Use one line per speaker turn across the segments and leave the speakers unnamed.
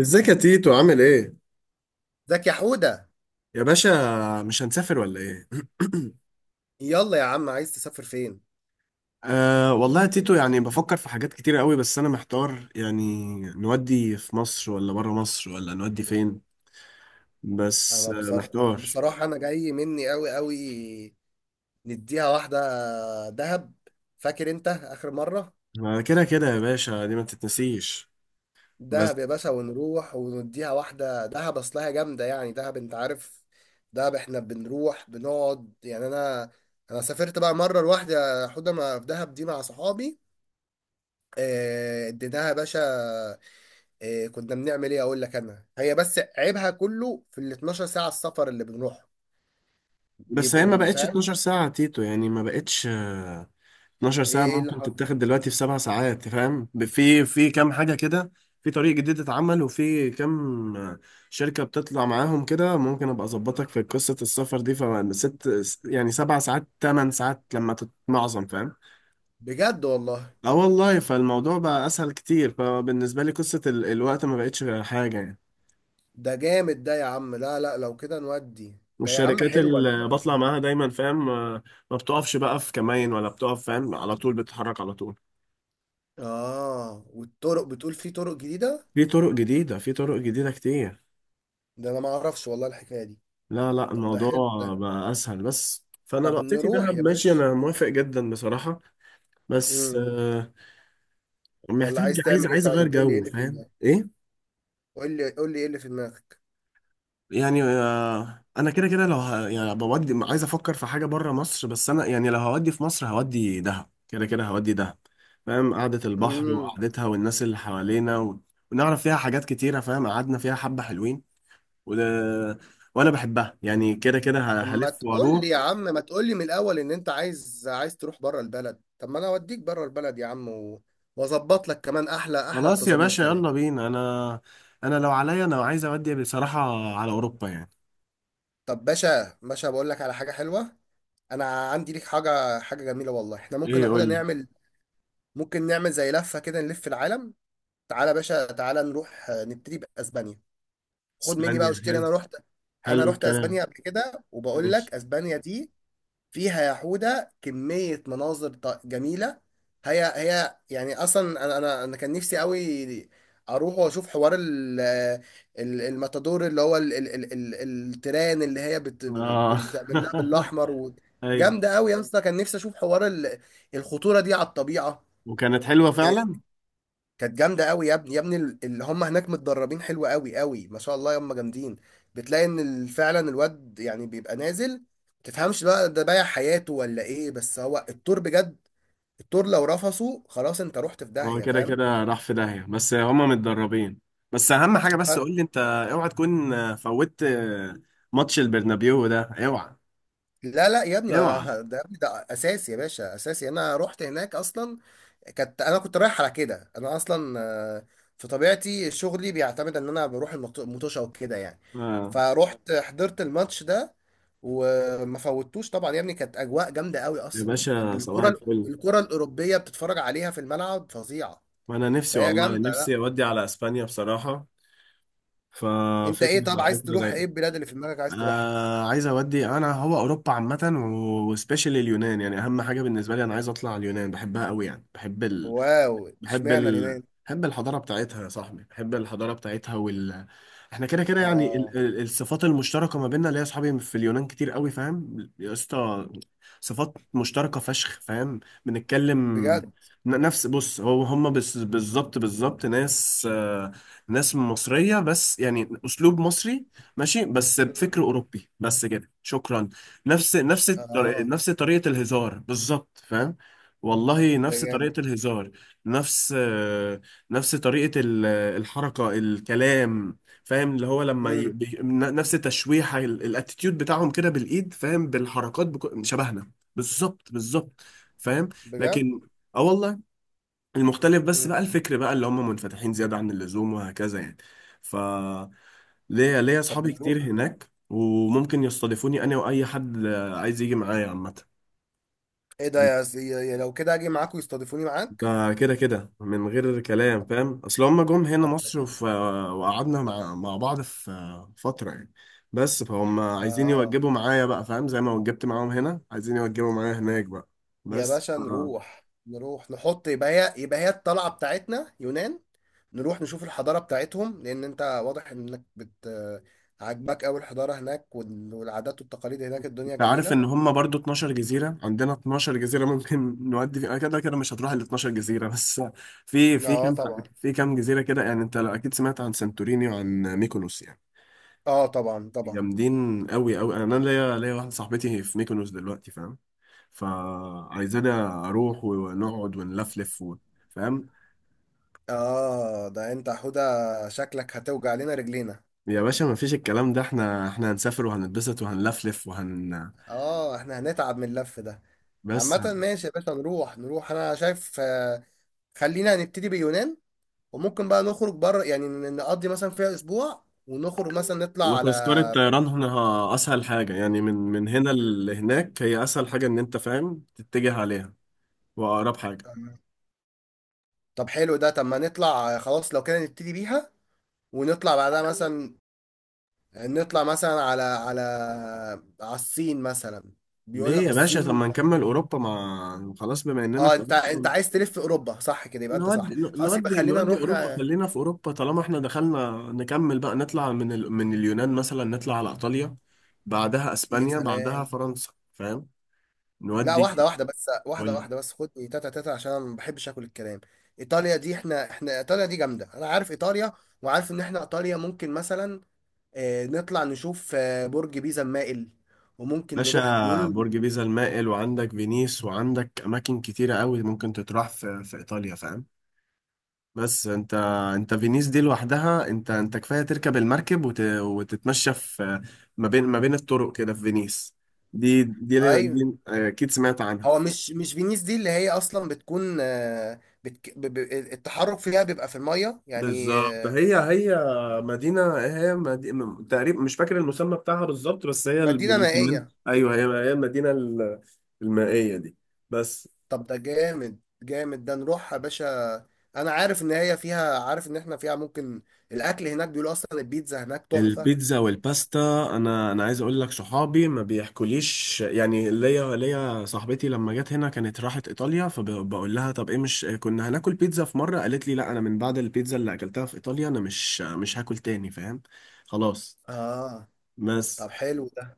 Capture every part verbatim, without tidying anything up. ازيك يا تيتو، عامل ايه؟
زكي حودة،
يا باشا، مش هنسافر ولا ايه؟
يلا يا عم، عايز تسافر فين؟
آه والله يا تيتو، يعني بفكر في حاجات كتير قوي، بس انا محتار يعني. نودي في مصر، ولا بره مصر، ولا نودي فين؟ بس
انا
آه
بصر...
محتار.
بصراحة انا جاي مني قوي قوي. نديها واحدة، دهب. فاكر انت اخر مرة؟
ما كده كده يا باشا، دي ما تتنسيش. بس
دهب يا باشا ونروح ونديها واحدة دهب، اصلها جامدة يعني، دهب انت عارف. دهب احنا بنروح بنقعد يعني، انا انا سافرت بقى مرة لوحدي يا حودة ما في دهب دي مع صحابي. آه، اديناها يا باشا. آه، كنا بنعمل ايه اقول لك، انا هي بس عيبها كله في ال اثنا عشر ساعة السفر اللي بنروح
بس هي
بيبقوا
ما
م-
بقتش
فاهم؟
12 ساعة يا تيتو، يعني ما بقتش 12
ايه
ساعة.
ايه اللي
ممكن
حصل؟
تتاخد دلوقتي في سبع ساعات، فاهم؟ ب- في في كام حاجة كده. في طريق جديد اتعمل، وفي كام شركة بتطلع معاهم كده، ممكن ابقى اظبطك في قصة السفر دي فست. يعني سبع ساعات، تمن ساعات لما تتمعظم، فاهم؟
بجد والله؟
اه والله، فالموضوع بقى اسهل كتير. فبالنسبة لي، قصة ال- الوقت ما بقتش حاجة يعني.
ده جامد ده يا عم. لا لا، لو كده نودي ده يا عم،
والشركات
حلوة
اللي
الفكرة.
بطلع معاها دايما، فاهم، آه، ما بتقفش بقى في كمين، ولا بتقف، فاهم، على طول بتتحرك على طول.
اه، والطرق بتقول في طرق جديدة؟
في طرق جديدة، في طرق جديدة كتير.
ده انا ما اعرفش والله الحكاية دي.
لا لا،
طب ده
الموضوع
حلو ده.
بقى اسهل بس. فانا اه
طب
لقطتي
نروح
دهب،
يا
ماشي،
باشا.
انا موافق جدا بصراحه. بس
امم.
آه،
ولا
محتاج،
عايز
عايز
تعمل ايه؟
عايز اغير
طيب قول لي ايه
جو،
اللي في
فاهم
دماغك،
ايه؟
قول لي قول لي ايه اللي في دماغك.
يعني آه، انا كده كده لو ه... يعني بودي، عايز افكر في حاجه بره مصر. بس انا يعني لو هودي في مصر هودي دهب، كده كده هودي دهب. فاهم؟ قعده البحر
امم.
وقعدتها، والناس اللي حوالينا، و... ونعرف فيها حاجات كتيره، فاهم، قعدنا فيها حبه حلوين، و... وانا بحبها يعني، كده كده ه-
طب ما
هلف
تقول لي
واروح.
يا عم، ما تقول لي من الاول ان انت عايز عايز تروح بره البلد. طب ما انا اوديك بره البلد يا عم، و... واظبط لك كمان احلى احلى
خلاص يا
التظابيط
باشا،
كمان.
يلا بينا. انا انا لو عليا، انا عايز اودي بصراحة على اوروبا يعني.
طب باشا باشا، بقول لك على حاجة حلوة. انا عندي ليك حاجة، حاجة جميلة والله، احنا ممكن
ايه، قول
ناخدها
لي.
نعمل. ممكن نعمل زي لفة كده نلف العالم. تعالى يا باشا، تعالى نروح آه، نبتدي بأسبانيا. خد مني بقى
اسبانيا
واشتري.
حلو،
انا رحت انا
حلو
رحت
الكلام،
اسبانيا قبل كده، وبقول لك
ماشي.
اسبانيا دي فيها يا حودة كمية مناظر ط- جميلة. هي هي يعني اصلا، انا انا انا كان نفسي قوي اروح واشوف حوار ال- ال- الماتادور اللي هو ال- ال- ال- ال- التران اللي هي بت-
اه.
بال- بتعمل لها بالاحمر و-
ايوه،
جامدة قوي يا اسطى، كان نفسي اشوف حوار ال- الخطورة دي على الطبيعة.
وكانت حلوة فعلا.
كانت جامده قوي يا ابني يا ابني، ال- اللي هم هناك متدربين حلو قوي قوي، ما شاء الله هم جامدين. بتلاقي ان ال- فعلا الواد يعني بيبقى نازل، تفهمش بقى ده بايع حياته ولا ايه؟ بس هو التور بجد. التور لو رفصه خلاص انت رحت في
هو
داهيه،
كده
فاهم؟
كده راح في داهية، بس هما متدربين. بس اهم حاجة، بس قول لي انت، اوعى تكون فوتت ماتش البرنابيو ده، اوعى،
لا لا يا ابني،
اوعى.
ما- ده يا ابني ده اساسي يا باشا، اساسي. انا رحت هناك اصلا. كانت، انا كنت رايح على كده، انا اصلا آه، في طبيعتي شغلي بيعتمد ان انا بروح المط- المطوشه وكده يعني.
آه.
فروحت حضرت الماتش ده وما فوتوش طبعا يا ابني. كانت اجواء جامده قوي،
يا
اصلا
باشا، صباح
الكره
الفل.
الكره الاوروبيه بتتفرج عليها في الملعب فظيعه.
ما انا نفسي،
فهي
والله
جامده.
نفسي
لا،
اودي على اسبانيا بصراحة.
انت
ففكرة
ايه؟ طب
فكرة
عايز تروح
رايقة.
ايه؟ البلاد اللي في دماغك عايز تروحها.
آه عايز اودي، انا هو اوروبا عامه، وسبيشال اليونان. يعني اهم حاجه بالنسبه لي، انا عايز اطلع اليونان، بحبها قوي يعني. بحب
واو،
بحب
اشمعنى
ال...
اليونان؟
بحب الحضارة بتاعتها يا صاحبي، بحب الحضارة بتاعتها وال احنا كده كده يعني
اه،
ال... ال- الصفات المشتركة ما بيننا، اللي هي اصحابي في اليونان كتير قوي، فاهم يا اسطى؟ صفات مشتركة فشخ، فاهم، بنتكلم
بجد؟
ن- نفس، بص هو هم بس بالظبط بالظبط، ناس، آه، ناس مصرية، بس يعني أسلوب مصري ماشي، بس
مم.
بفكر أوروبي بس، كده شكرا. نفس نفس الطر-
اه،
نفس طريقة الهزار بالظبط، فاهم؟ والله،
ده
نفس
جامد.
طريقة الهزار، نفس نفس طريقة ال- الحركة، الكلام، فاهم؟ اللي هو لما ي...
امم.
بي- ن- نفس التشويحة، ال- الاتيتيود بتاعهم كده بالإيد، فاهم، بالحركات، بك... شبهنا بالظبط بالظبط، فاهم؟
بجد.
لكن، اه والله، المختلف بس
مم.
بقى الفكر بقى، اللي هم منفتحين زيادة عن اللزوم وهكذا يعني. ف ليا ليا
طب
أصحابي كتير
نروح.
هناك، وممكن يستضيفوني أنا وأي حد عايز يجي معايا عامة.
ايه ده يا سي... يا، لو كده اجي معاك ويستضيفوني معاك.
ده كده كده من غير كلام،
طب
فاهم، اصل هما جم هنا
طب ده
مصر،
جامد.
وف... وقعدنا مع... مع بعض في فترة يعني. بس فهم عايزين
اه،
يوجبوا معايا بقى، فاهم، زي ما وجبت معاهم هنا، عايزين يوجبوا معايا هناك بقى.
يا
بس
باشا
آه،
نروح نروح نحط، يبقى هي، يبقى هي الطلعه بتاعتنا يونان. نروح نشوف الحضاره بتاعتهم، لان انت واضح انك بت عاجباك قوي الحضاره هناك، وال- والعادات والتقاليد هناك، الدنيا
انت عارف
جميله.
ان هما برضو 12 جزيرة، عندنا 12 جزيرة، ممكن نودي فيها كده كده، مش هتروح ال 12 جزيرة بس. في في
اه
كام
طبعا.
في كام جزيرة كده يعني. انت لو اكيد سمعت عن سانتوريني وعن ميكونوس يعني،
اه طبعا طبعا.
جامدين قوي قوي. انا ليا ليا واحدة صاحبتي في ميكونوس دلوقتي، فاهم، فعايزانا اروح ونقعد ونلفلف و... فاهم؟
اه ده انت يا حوده، شكلك هتوجع لنا رجلينا.
يا باشا، ما فيش الكلام ده، احنا احنا هنسافر وهنتبسط وهنلفلف وهن
اه، احنا هنتعب من اللف ده.
بس،
عامة ماشي يا باشا نروح نروح، أنا شايف آه، خلينا نبتدي باليونان، وممكن بقى نخرج بره يعني، ن- نقضي مثلا فيها أسبوع ونخرج مثلا نطلع على.
وتذكرة طيران هنا اسهل حاجة يعني، من من هنا لهناك، هي اسهل حاجة ان انت، فاهم، تتجه عليها، واقرب حاجة.
طب حلو ده. طب ما نطلع آه، خلاص لو كده نبتدي بيها، ونطلع بعدها مثلا، نطلع مثلا على على على الصين مثلا. بيقول
ليه
لك
يا باشا؟ طب
الصين.
ما نكمل اوروبا، ما خلاص بما اننا
اه،
في
انت انت
اوروبا،
عايز تلف في اوروبا صح كده؟ يبقى انت
نودي
صح. خلاص يبقى
نودي
خلينا
نودي
نروح
اوروبا،
آه،
خلينا في اوروبا. طالما احنا دخلنا نكمل بقى، نطلع من ال... من اليونان مثلا، نطلع على ايطاليا، بعدها
يا
اسبانيا، بعدها
سلام.
فرنسا، فاهم؟
لا، واحدة
نودي،
واحدة بس، واحدة
قول.
واحدة بس، خد تاتا تاتا عشان انا ما بحبش اكل الكلام. ايطاليا دي، احنا احنا ايطاليا دي جامدة، انا عارف ايطاليا، وعارف ان احنا ايطاليا ممكن مثلا آه، نطلع نشوف آه، برج بيزا المائل، وممكن نروح
باشا،
بيقول.
برج بيزا المائل، وعندك فينيس، وعندك اماكن كتيره قوي ممكن تتراح في في ايطاليا، فاهم؟ بس انت انت فينيس دي لوحدها، انت انت كفايه تركب المركب، وت... وتتمشى في ما بين ما بين الطرق كده في فينيس، دي دي
اي،
دي آه، اكيد سمعت عنها.
هو مش مش فينيس دي اللي هي اصلا بتكون آه، بتك... ب... ب... التحرك فيها بيبقى في المية يعني
بالظبط،
آه،
هي هي مدينة، هي مدينة تقريبا، مش فاكر المسمى بتاعها بالظبط، بس هي
مدينة
المسمين،
مائية.
أيوه، هي هي المدينة ال- المائية دي. بس
طب ده جامد جامد ده، نروح يا باشا. انا عارف ان هي فيها، عارف ان احنا فيها ممكن الاكل هناك، بيقولوا اصلا البيتزا هناك تحفة.
البيتزا والباستا، انا انا عايز اقول لك، صحابي ما بيحكوليش يعني. ليا ليا صاحبتي لما جت هنا كانت راحت ايطاليا، فبقول لها طب ايه، مش كنا هناكل بيتزا؟ في مره قالت لي، لا، انا من بعد البيتزا اللي اكلتها في ايطاليا، انا مش مش هاكل تاني، فاهم؟ خلاص.
اه،
بس
طب حلو ده.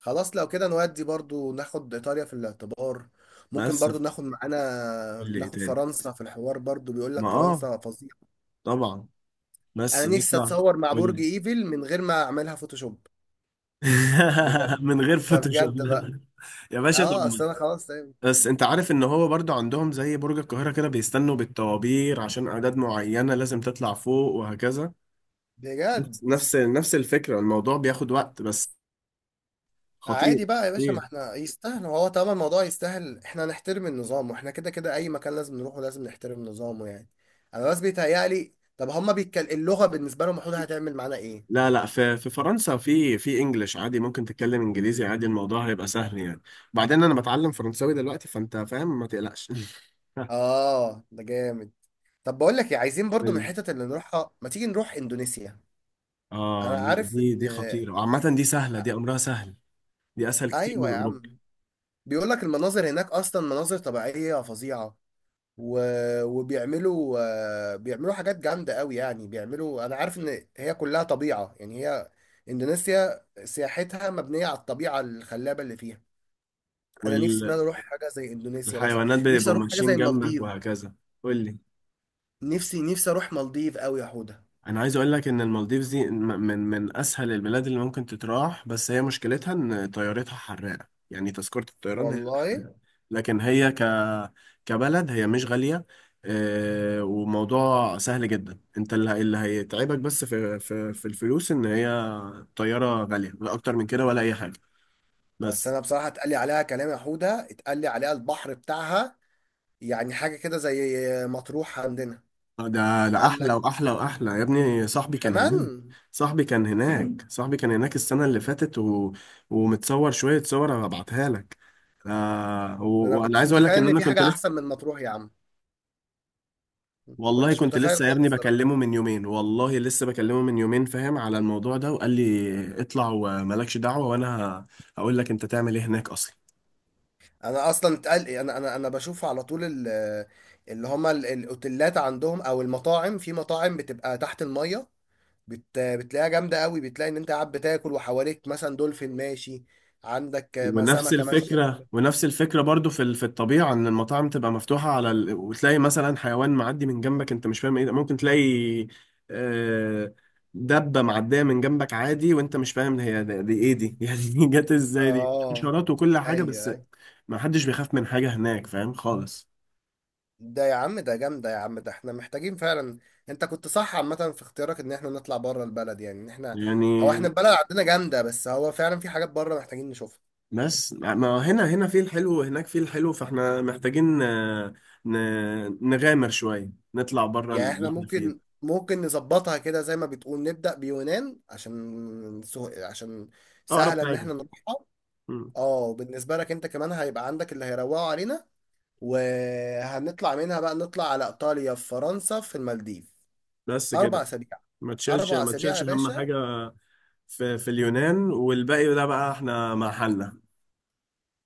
خلاص لو كده نودي برضو ناخد ايطاليا في الاعتبار، ممكن
بس
برضو ناخد معانا،
قول لي ايه
ناخد
تاني.
فرنسا في الحوار برضو، بيقول
ما
لك
اه،
فرنسا فظيعة.
طبعا، بس
انا نفسي
نطلع
اتصور مع برج
من
ايفل من غير ما اعملها فوتوشوب. بجد،
من غير
ده
فوتوشوب.
بجد بقى.
يا باشا، طب
اه اصل
ما-
انا خلاص.
بس انت عارف ان هو برضو عندهم زي برج القاهرة كده، بيستنوا بالطوابير عشان اعداد معينة لازم تطلع فوق وهكذا.
بجد.
نفس نفس نفس الفكرة، الموضوع بياخد وقت بس. خطير،
عادي بقى يا باشا، ما
خطير.
احنا يستاهل، هو طالما الموضوع يستاهل احنا نحترم النظام، واحنا كده كده اي مكان لازم نروحه لازم نحترم نظامه يعني. انا بس بيتهيألي، طب هما بيتكل... اللغة بالنسبة لهم المفروض هتعمل معانا ايه؟
لا لا، في في فرنسا، في في انجلش عادي، ممكن تتكلم انجليزي عادي، الموضوع هيبقى سهل يعني. بعدين انا بتعلم فرنساوي دلوقتي، فانت فاهم، ما تقلقش.
اه، ده جامد. طب بقول لك ايه، عايزين برضو
قول
من
لي.
الحتت اللي نروحها، ما تيجي نروح اندونيسيا.
اه،
انا
لا،
عارف
دي
ان.
دي خطيرة عامة، دي سهلة، دي امرها سهل. دي اسهل كتير
ايوه
من
يا
اوروبا.
عم، بيقول لك المناظر هناك اصلا مناظر طبيعية فظيعة، و... وبيعملوا آه، بيعملوا حاجات جامدة قوي يعني، بيعملوا، أنا عارف إن هي كلها طبيعة يعني، هي إندونيسيا سياحتها مبنية على الطبيعة الخلابة اللي فيها. أنا نفسي إن
والحيوانات
أنا أروح حاجة زي إندونيسيا مثلا. نفسي
بيبقوا
أروح حاجة زي
ماشيين جنبك
المالديف.
وهكذا. قول لي.
نفسي نفسي أروح مالديف قوي يا حودة،
انا عايز اقول لك ان المالديفز دي م- من من اسهل البلاد اللي ممكن تتراح، بس هي مشكلتها ان طيارتها حراقه يعني. تذكره الطيران هي اللي
والله.
حراقه، لكن هي ك كبلد، هي مش غاليه. آه، وموضوع سهل جدا، انت اللي اللي هيتعبك بس في في في الفلوس، ان هي طياره غاليه، لا اكتر من كده ولا اي حاجه
بس
بس.
أنا بصراحة اتقال لي عليها كلام يا حودة، اتقال لي عليها البحر بتاعها يعني حاجة كده زي مطروح عندنا.
ده ده
قال
احلى،
لك
واحلى، واحلى يا ابني. صاحبي كان هناك
كمان.
صاحبي كان هناك صاحبي كان هناك السنة اللي فاتت، و... ومتصور شوية صور هبعتها لك. آه
ده أنا
و...
ما
وانا
كنتش
عايز اقول
متخيل
لك، ان
إن
انا
في
كنت
حاجة أحسن
لسه،
من مطروح يا عم. ما
والله
كنتش
كنت
متخيل
لسه يا ابني
خالص صراحة.
بكلمه من يومين، والله لسه بكلمه من يومين، فاهم، على الموضوع ده، وقال لي اطلع ومالكش دعوة. وانا هقول لك انت تعمل ايه هناك اصلا.
انا اصلا اتقل، انا انا انا بشوف على طول ال- اللي هما ال- الاوتيلات عندهم، او المطاعم، في مطاعم بتبقى تحت المية، بت... بتلاقيها جامدة قوي، بتلاقي ان انت قاعد بتاكل وحواليك مثلا دولفين ماشي، عندك ما
ونفس
سمكة ماشية.
الفكرة، ونفس الفكرة برضو في ال- في الطبيعة، ان المطاعم تبقى مفتوحة على ال... وتلاقي مثلا حيوان معدي من جنبك، انت مش فاهم ايه ده. ممكن تلاقي آه، دبة معدية من جنبك عادي، وانت مش فاهم هي دي، دي ايه دي؟ يعني دي جت ازاي؟ دي
اه،
حشرات وكل حاجة، بس
ايوه ايوه.
ما حدش بيخاف من حاجة هناك، فاهم خالص؟
ده يا عم ده جامدة يا عم، ده احنا محتاجين فعلا. انت كنت صح عامة في اختيارك ان احنا نطلع بره البلد، يعني ان احنا، هو
يعني
احنا البلد عندنا جامدة بس هو فعلا في حاجات بره محتاجين نشوفها.
بس، ما هنا هنا فيه الحلو، وهناك فيه الحلو. فاحنا محتاجين آه، ن- نغامر شوية، نطلع بره
يعني احنا
اللي احنا فيه ده.
ممكن ممكن نظبطها كده زي ما بتقول، نبدأ بيونان عشان سه... عشان
اقرب
سهلة ان
حاجة.
احنا نروحها. اه، بالنسبة لك انت كمان هيبقى عندك اللي هيروقوا علينا، وهنطلع منها بقى نطلع على ايطاليا في فرنسا في المالديف.
بس
اربع
كده،
اسابيع
ما تشيلش
اربع
ما
اسابيع يا
تشيلش هم
باشا.
حاجة في في اليونان، والباقي ده بقى احنا مع حالنا.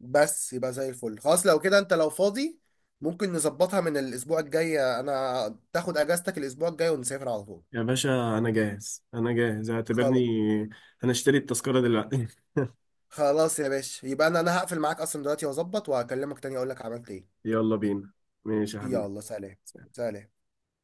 بس يبقى زي الفل. خلاص لو كده انت لو فاضي، ممكن نظبطها من الاسبوع الجاي، انا تاخد اجازتك الاسبوع الجاي ونسافر على طول.
يا باشا، انا جاهز، انا جاهز، اعتبرني
خلاص.
هنشتري التذكرة دلوقتي.
خلاص يا باشا، يبقى انا انا هقفل معاك اصلا دلوقتي واظبط وهكلمك تاني اقول لك عملت ايه.
يلا بينا. ماشي يا حبيبي.
يلا سلام. سلام.